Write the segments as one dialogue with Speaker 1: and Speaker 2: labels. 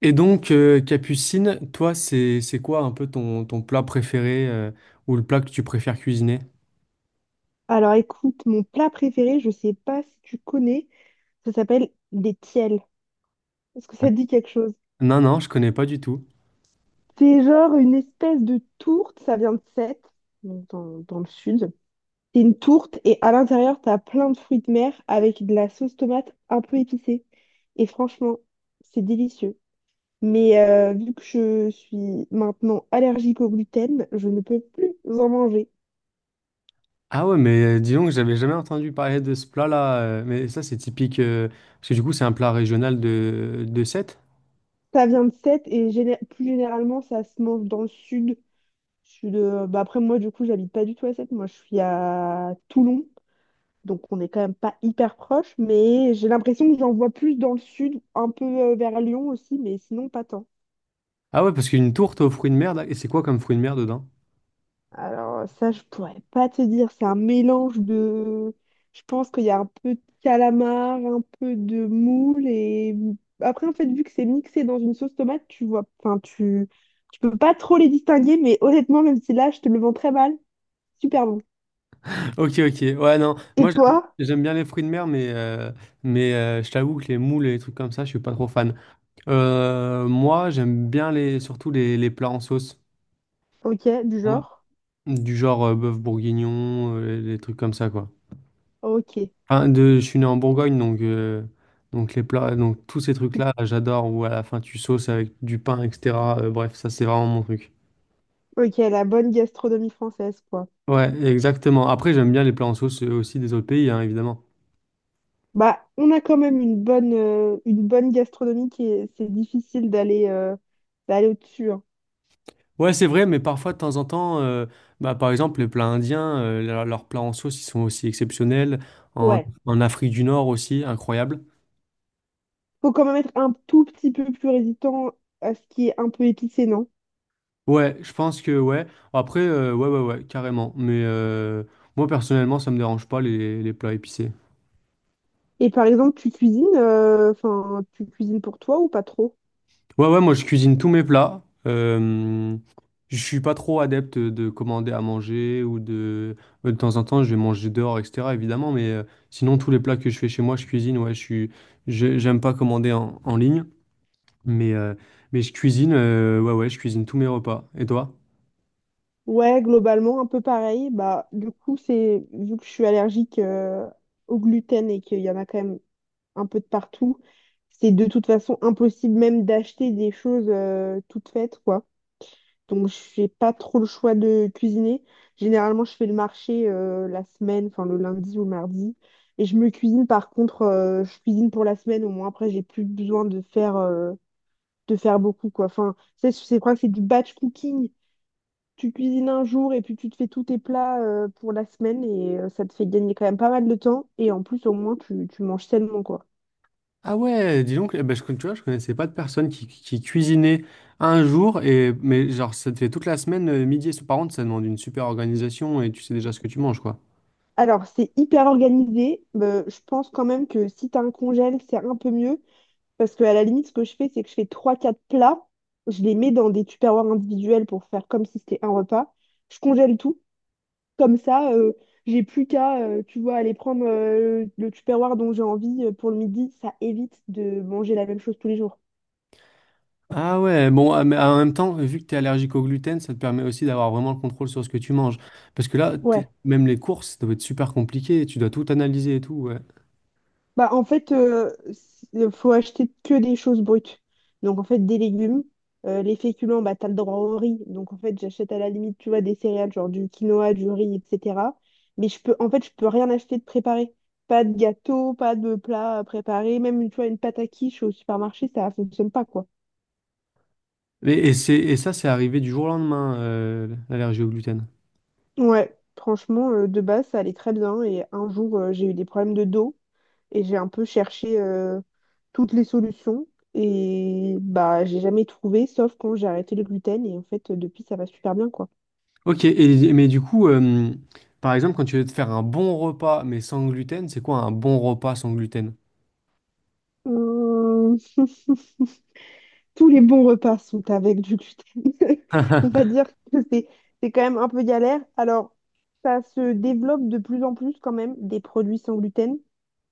Speaker 1: Et donc, Capucine, toi, c'est quoi un peu ton plat préféré, ou le plat que tu préfères cuisiner?
Speaker 2: Alors écoute, mon plat préféré, je sais pas si tu connais, ça s'appelle des tiels. Est-ce que ça te dit quelque chose?
Speaker 1: Non, non, je connais pas du tout.
Speaker 2: C'est genre une espèce de tourte, ça vient de Sète, donc dans le sud. C'est une tourte et à l'intérieur, t'as plein de fruits de mer avec de la sauce tomate un peu épicée. Et franchement, c'est délicieux. Mais vu que je suis maintenant allergique au gluten, je ne peux plus en manger.
Speaker 1: Ah ouais, mais dis donc, j'avais jamais entendu parler de ce plat-là. Mais ça, c'est typique, parce que du coup, c'est un plat régional de Sète.
Speaker 2: Ça vient de Sète et plus généralement, ça se mange dans le sud. Je suis de... bah après, moi, du coup, j'habite pas du tout à Sète. Moi, je suis à Toulon. Donc, on n'est quand même pas hyper proche. Mais j'ai l'impression que j'en vois plus dans le sud, un peu vers Lyon aussi, mais sinon, pas tant.
Speaker 1: Ah ouais, parce qu'une tourte aux fruits de mer, là, et c'est quoi comme fruits de mer dedans?
Speaker 2: Alors, ça, je pourrais pas te dire. C'est un mélange de. Je pense qu'il y a un peu de calamar, un peu de moule. Et après, en fait, vu que c'est mixé dans une sauce tomate, tu vois. Enfin, tu. Tu peux pas trop les distinguer, mais honnêtement, même si là, je te le vends très mal, super bon.
Speaker 1: Ok, ok. Ouais, non,
Speaker 2: Et
Speaker 1: moi, j'aime
Speaker 2: toi?
Speaker 1: j'aime bien les fruits de mer, mais, mais je t'avoue que les moules et les trucs comme ça, je suis pas trop fan. Moi, j'aime bien surtout les plats en sauce.
Speaker 2: Ok, du genre.
Speaker 1: Du genre bœuf bourguignon, les trucs comme ça, quoi.
Speaker 2: Ok,
Speaker 1: Enfin, je suis né en Bourgogne, donc les plats, donc tous ces trucs-là, j'adore, où à la fin tu sauces avec du pain, etc. Bref, ça c'est vraiment mon truc.
Speaker 2: ok, la bonne gastronomie française, quoi.
Speaker 1: Ouais, exactement. Après, j'aime bien les plats en sauce aussi des autres pays, hein, évidemment.
Speaker 2: Bah, on a quand même une bonne gastronomie qui est, c'est difficile d'aller d'aller au-dessus, hein.
Speaker 1: Ouais, c'est vrai, mais parfois, de temps en temps, bah, par exemple, les plats indiens, leurs plats en sauce, ils sont aussi exceptionnels. En,
Speaker 2: Ouais.
Speaker 1: en Afrique du Nord aussi, incroyable.
Speaker 2: Faut quand même être un tout petit peu plus résistant à ce qui est un peu épicé, non?
Speaker 1: Ouais, je pense que ouais. Après, ouais, ouais, ouais, carrément. Mais moi, personnellement, ça me dérange pas les plats épicés.
Speaker 2: Et par exemple, tu cuisines, enfin, tu cuisines pour toi ou pas trop?
Speaker 1: Ouais, ouais, moi, je cuisine tous mes plats. Je suis pas trop adepte de commander à manger ou de... De temps en temps, je vais manger dehors, etc., évidemment. Mais sinon, tous les plats que je fais chez moi, je cuisine. Ouais, je suis... J'aime pas commander en ligne. Mais, mais je cuisine, ouais, ouais, je cuisine tous mes repas. Et toi?
Speaker 2: Ouais, globalement, un peu pareil. Bah, du coup, c'est vu que je suis allergique au gluten et qu'il y en a quand même un peu de partout. C'est de toute façon impossible même d'acheter des choses toutes faites, quoi. Donc, je fais pas trop le choix de cuisiner. Généralement, je fais le marché la semaine, enfin le lundi ou mardi. Et je me cuisine, par contre, je cuisine pour la semaine. Au moins, après, j'ai plus besoin de faire beaucoup, quoi. Enfin, c'est quoi? C'est du batch cooking. Tu cuisines un jour et puis tu te fais tous tes plats pour la semaine et ça te fait gagner quand même pas mal de temps. Et en plus, au moins, tu manges sainement, quoi.
Speaker 1: Ah ouais, dis donc, eh ben, je, tu vois, je connaissais pas de personne qui cuisinait un jour, et, mais genre, ça te fait toute la semaine, midi et soir. Par contre, ça demande une super organisation et tu sais déjà ce que tu manges, quoi.
Speaker 2: Alors, c'est hyper organisé, mais je pense quand même que si tu as un congèle, c'est un peu mieux. Parce que à la limite, ce que je fais, c'est que je fais trois, quatre plats, je les mets dans des tupperwares individuels pour faire comme si c'était un repas. Je congèle tout. Comme ça, j'ai plus qu'à, tu vois, aller prendre le tupperware dont j'ai envie pour le midi. Ça évite de manger la même chose tous les jours.
Speaker 1: Ah ouais, bon, ah, mais en même temps, vu que tu es allergique au gluten, ça te permet aussi d'avoir vraiment le contrôle sur ce que tu manges. Parce que là,
Speaker 2: Ouais.
Speaker 1: même les courses, ça doit être super compliqué, tu dois tout analyser et tout, ouais.
Speaker 2: Bah, en fait, il faut acheter que des choses brutes. Donc, en fait, des légumes, les féculents, bah, t'as le droit au riz. Donc, en fait, j'achète à la limite, tu vois, des céréales, genre du quinoa, du riz, etc. Mais je peux, en fait, je peux rien acheter de préparé. Pas de gâteau, pas de plat préparé. Même, tu vois, une pâte à quiche au supermarché, ça fonctionne pas, quoi.
Speaker 1: Et ça, c'est arrivé du jour au lendemain, l'allergie au gluten.
Speaker 2: Ouais, franchement, de base, ça allait très bien. Et un jour, j'ai eu des problèmes de dos. Et j'ai un peu cherché toutes les solutions. Et bah, j'ai jamais trouvé, sauf quand j'ai arrêté le gluten. Et en fait, depuis, ça va super bien, quoi.
Speaker 1: Ok, et, mais du coup, par exemple, quand tu veux te faire un bon repas mais sans gluten, c'est quoi un bon repas sans gluten?
Speaker 2: Hum, Tous les bons repas sont avec du gluten. On va dire que c'est quand même un peu galère. Alors, ça se développe de plus en plus quand même des produits sans gluten.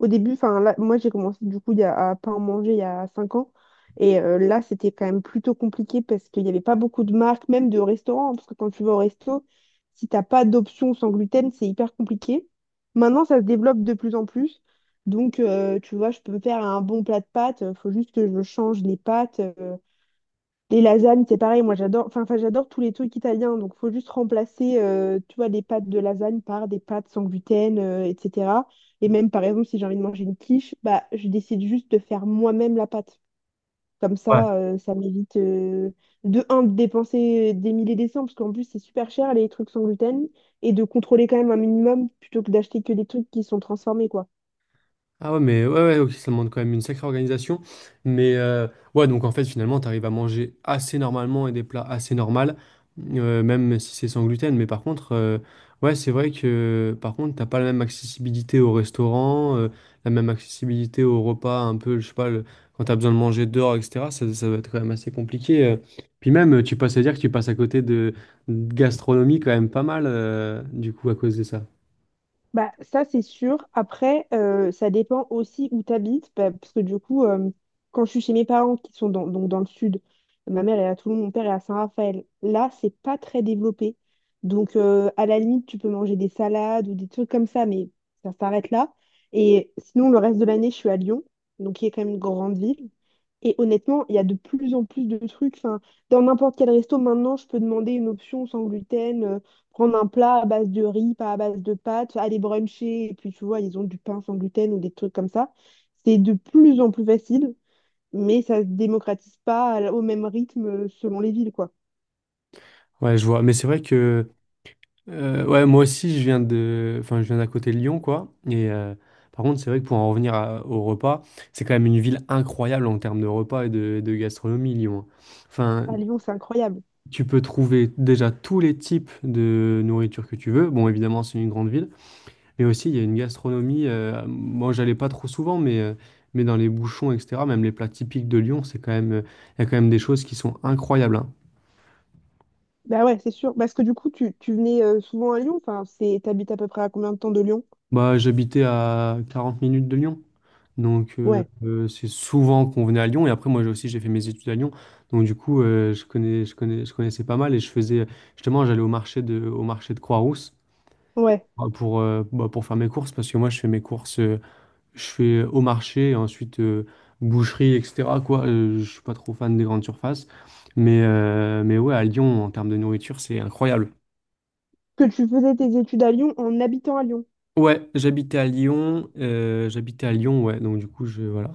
Speaker 2: Au début, enfin là, moi j'ai commencé du coup à pas en manger il y a 5 ans. Et là, c'était quand même plutôt compliqué parce qu'il n'y avait pas beaucoup de marques, même de restaurants, hein. Parce que quand tu vas au resto, si t'as pas d'option sans gluten, c'est hyper compliqué. Maintenant, ça se développe de plus en plus. Donc, tu vois, je peux me faire un bon plat de pâtes. Il faut juste que je change les pâtes. Les lasagnes, c'est pareil, moi j'adore, enfin, j'adore tous les trucs italiens, donc faut juste remplacer, tu vois, les pâtes de lasagne par des pâtes sans gluten, etc. Et même par exemple, si j'ai envie de manger une quiche, bah je décide juste de faire moi-même la pâte. Comme
Speaker 1: Ouais.
Speaker 2: ça, ça m'évite de un de dépenser des milliers et des cents, parce qu'en plus c'est super cher les trucs sans gluten, et de contrôler quand même un minimum plutôt que d'acheter que des trucs qui sont transformés, quoi.
Speaker 1: Ah ouais, mais ouais, ouais, ok, ça demande quand même une sacrée organisation. Mais ouais, donc en fait, finalement, t'arrives à manger assez normalement et des plats assez normaux, même si c'est sans gluten. Mais par contre, ouais, c'est vrai que par contre, t'as pas la même accessibilité au restaurant, la même accessibilité au repas, un peu, je sais pas, quand t'as besoin de manger dehors, etc. Ça va être quand même assez compliqué. Puis même, tu passes à dire que tu passes à côté de gastronomie quand même pas mal, du coup, à cause de ça.
Speaker 2: Bah, ça, c'est sûr. Après, ça dépend aussi où tu habites, bah, parce que du coup, quand je suis chez mes parents qui sont dans, donc dans le sud, ma mère elle est à Toulon, mon père est à Saint-Raphaël. Là, c'est pas très développé. Donc, à la limite, tu peux manger des salades ou des trucs comme ça, mais ça s'arrête là. Et sinon, le reste de l'année, je suis à Lyon, donc qui est quand même une grande ville. Et honnêtement, il y a de plus en plus de trucs. Enfin, dans n'importe quel resto, maintenant, je peux demander une option sans gluten. Prendre un plat à base de riz, pas à base de pâtes, aller bruncher, et puis tu vois, ils ont du pain sans gluten ou des trucs comme ça. C'est de plus en plus facile, mais ça se démocratise pas à au même rythme selon les villes, quoi.
Speaker 1: Ouais, je vois. Mais c'est vrai que. Ouais, moi aussi, je viens enfin, je viens d'à côté de Lyon, quoi. Et par contre, c'est vrai que pour en revenir au repas, c'est quand même une ville incroyable en termes de repas et de gastronomie, Lyon. Enfin,
Speaker 2: À Lyon, c'est incroyable.
Speaker 1: tu peux trouver déjà tous les types de nourriture que tu veux. Bon, évidemment, c'est une grande ville, mais aussi il y a une gastronomie. Moi, j'allais pas trop souvent, mais dans les bouchons, etc. Même les plats typiques de Lyon, c'est quand même, il y a quand même des choses qui sont incroyables, hein.
Speaker 2: Bah ouais, c'est sûr. Parce que du coup, tu venais souvent à Lyon, enfin, c'est, t'habites à peu près à combien de temps de Lyon?
Speaker 1: Bah, j'habitais à 40 minutes de Lyon. Donc,
Speaker 2: Ouais,
Speaker 1: c'est souvent qu'on venait à Lyon. Et après, moi j'ai aussi, j'ai fait mes études à Lyon. Donc, du coup, je connaissais pas mal. Et je faisais, justement, j'allais au marché au marché de Croix-Rousse
Speaker 2: ouais.
Speaker 1: bah, pour faire mes courses. Parce que moi, je fais mes courses, je fais au marché, et ensuite boucherie, etc., quoi. Je suis pas trop fan des grandes surfaces. Mais, mais ouais, à Lyon, en termes de nourriture, c'est incroyable.
Speaker 2: Que tu faisais tes études à Lyon en habitant à Lyon.
Speaker 1: Ouais, j'habitais à Lyon. Ouais. Donc, du coup, je, voilà.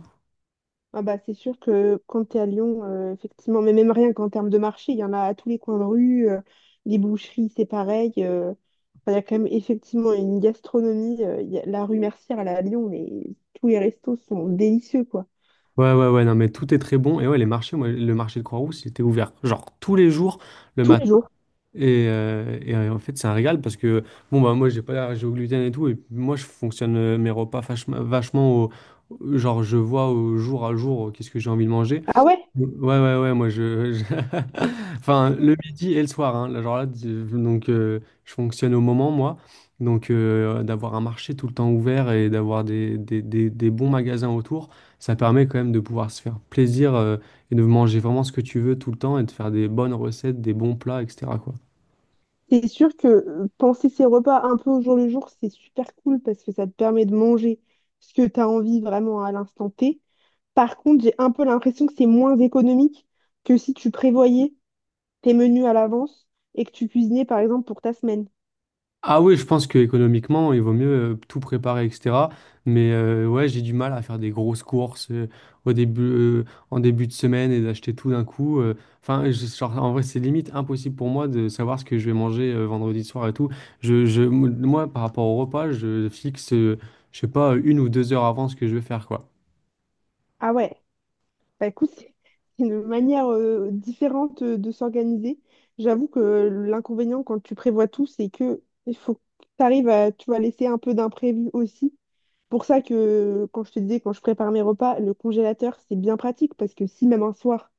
Speaker 2: Ah bah, c'est sûr que quand tu es à Lyon, effectivement, mais même rien qu'en termes de marché, il y en a à tous les coins de rue, les boucheries, c'est pareil. Enfin, il y a quand même effectivement une gastronomie. Il la rue Mercière, elle est à Lyon, mais tous les restos sont délicieux, quoi.
Speaker 1: Ouais, ouais, ouais, non, mais tout est très bon. Et ouais, les marchés, moi, le marché de Croix-Rousse, il était ouvert, genre tous les jours, le
Speaker 2: Tous
Speaker 1: matin.
Speaker 2: les jours.
Speaker 1: En fait, c'est un régal parce que, bon, bah, moi, j'ai pas l'air au gluten et tout. Et puis, moi, je fonctionne mes repas vachement au genre, je vois au jour à jour qu'est-ce que j'ai envie de manger.
Speaker 2: Ah ouais?
Speaker 1: Ouais, ouais, ouais, moi, je- Enfin,
Speaker 2: Mm.
Speaker 1: le midi et le soir, hein. Là, genre là, donc, je fonctionne au moment, moi. Donc, d'avoir un marché tout le temps ouvert et d'avoir des bons magasins autour, ça permet quand même de pouvoir se faire plaisir, et de manger vraiment ce que tu veux tout le temps et de faire des bonnes recettes, des bons plats, etc., quoi.
Speaker 2: C'est sûr que penser ses repas un peu au jour le jour, c'est super cool parce que ça te permet de manger ce que tu as envie vraiment à l'instant T. Par contre, j'ai un peu l'impression que c'est moins économique que si tu prévoyais tes menus à l'avance et que tu cuisinais par exemple pour ta semaine.
Speaker 1: Ah oui, je pense que économiquement, il vaut mieux tout préparer, etc. Mais ouais, j'ai du mal à faire des grosses courses au début, euh, en début de semaine et d'acheter tout d'un coup. Enfin, genre, en vrai, c'est limite impossible pour moi de savoir ce que je vais manger vendredi soir et tout. Moi, par rapport au repas, je fixe, je sais pas, une ou deux heures avant ce que je vais faire, quoi.
Speaker 2: Ah ouais, bah écoute, c'est une manière différente de s'organiser. J'avoue que l'inconvénient quand tu prévois tout, c'est que il faut que tu arrives à, tu vas laisser un peu d'imprévu aussi. Pour ça que quand je te disais, quand je prépare mes repas, le congélateur, c'est bien pratique parce que si même un soir,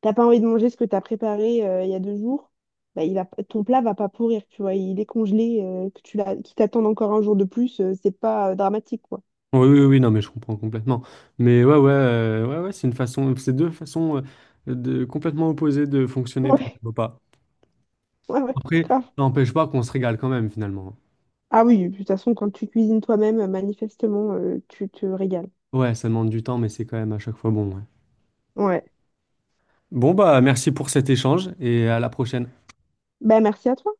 Speaker 2: t'as pas envie de manger ce que tu as préparé il y a deux jours, bah, ton plat va pas pourrir, tu vois, il est congelé, que tu l'as, qu'il t'attende encore un jour de plus, c'est pas dramatique, quoi.
Speaker 1: Oui, oui, oui, non, mais je comprends complètement. Mais ouais, ouais, ouais, ouais, c'est une façon, c'est deux façons complètement opposées de fonctionner pour
Speaker 2: Ouais.
Speaker 1: les repas.
Speaker 2: Ouais, ouais,
Speaker 1: Après, ça
Speaker 2: grave.
Speaker 1: n'empêche pas qu'on se régale quand même finalement.
Speaker 2: Ah oui, de toute façon, quand tu cuisines toi-même, manifestement, tu te régales.
Speaker 1: Ouais, ça demande du temps, mais c'est quand même à chaque fois bon, ouais.
Speaker 2: Ouais.
Speaker 1: Bon, bah merci pour cet échange et à la prochaine.
Speaker 2: Ben, merci à toi.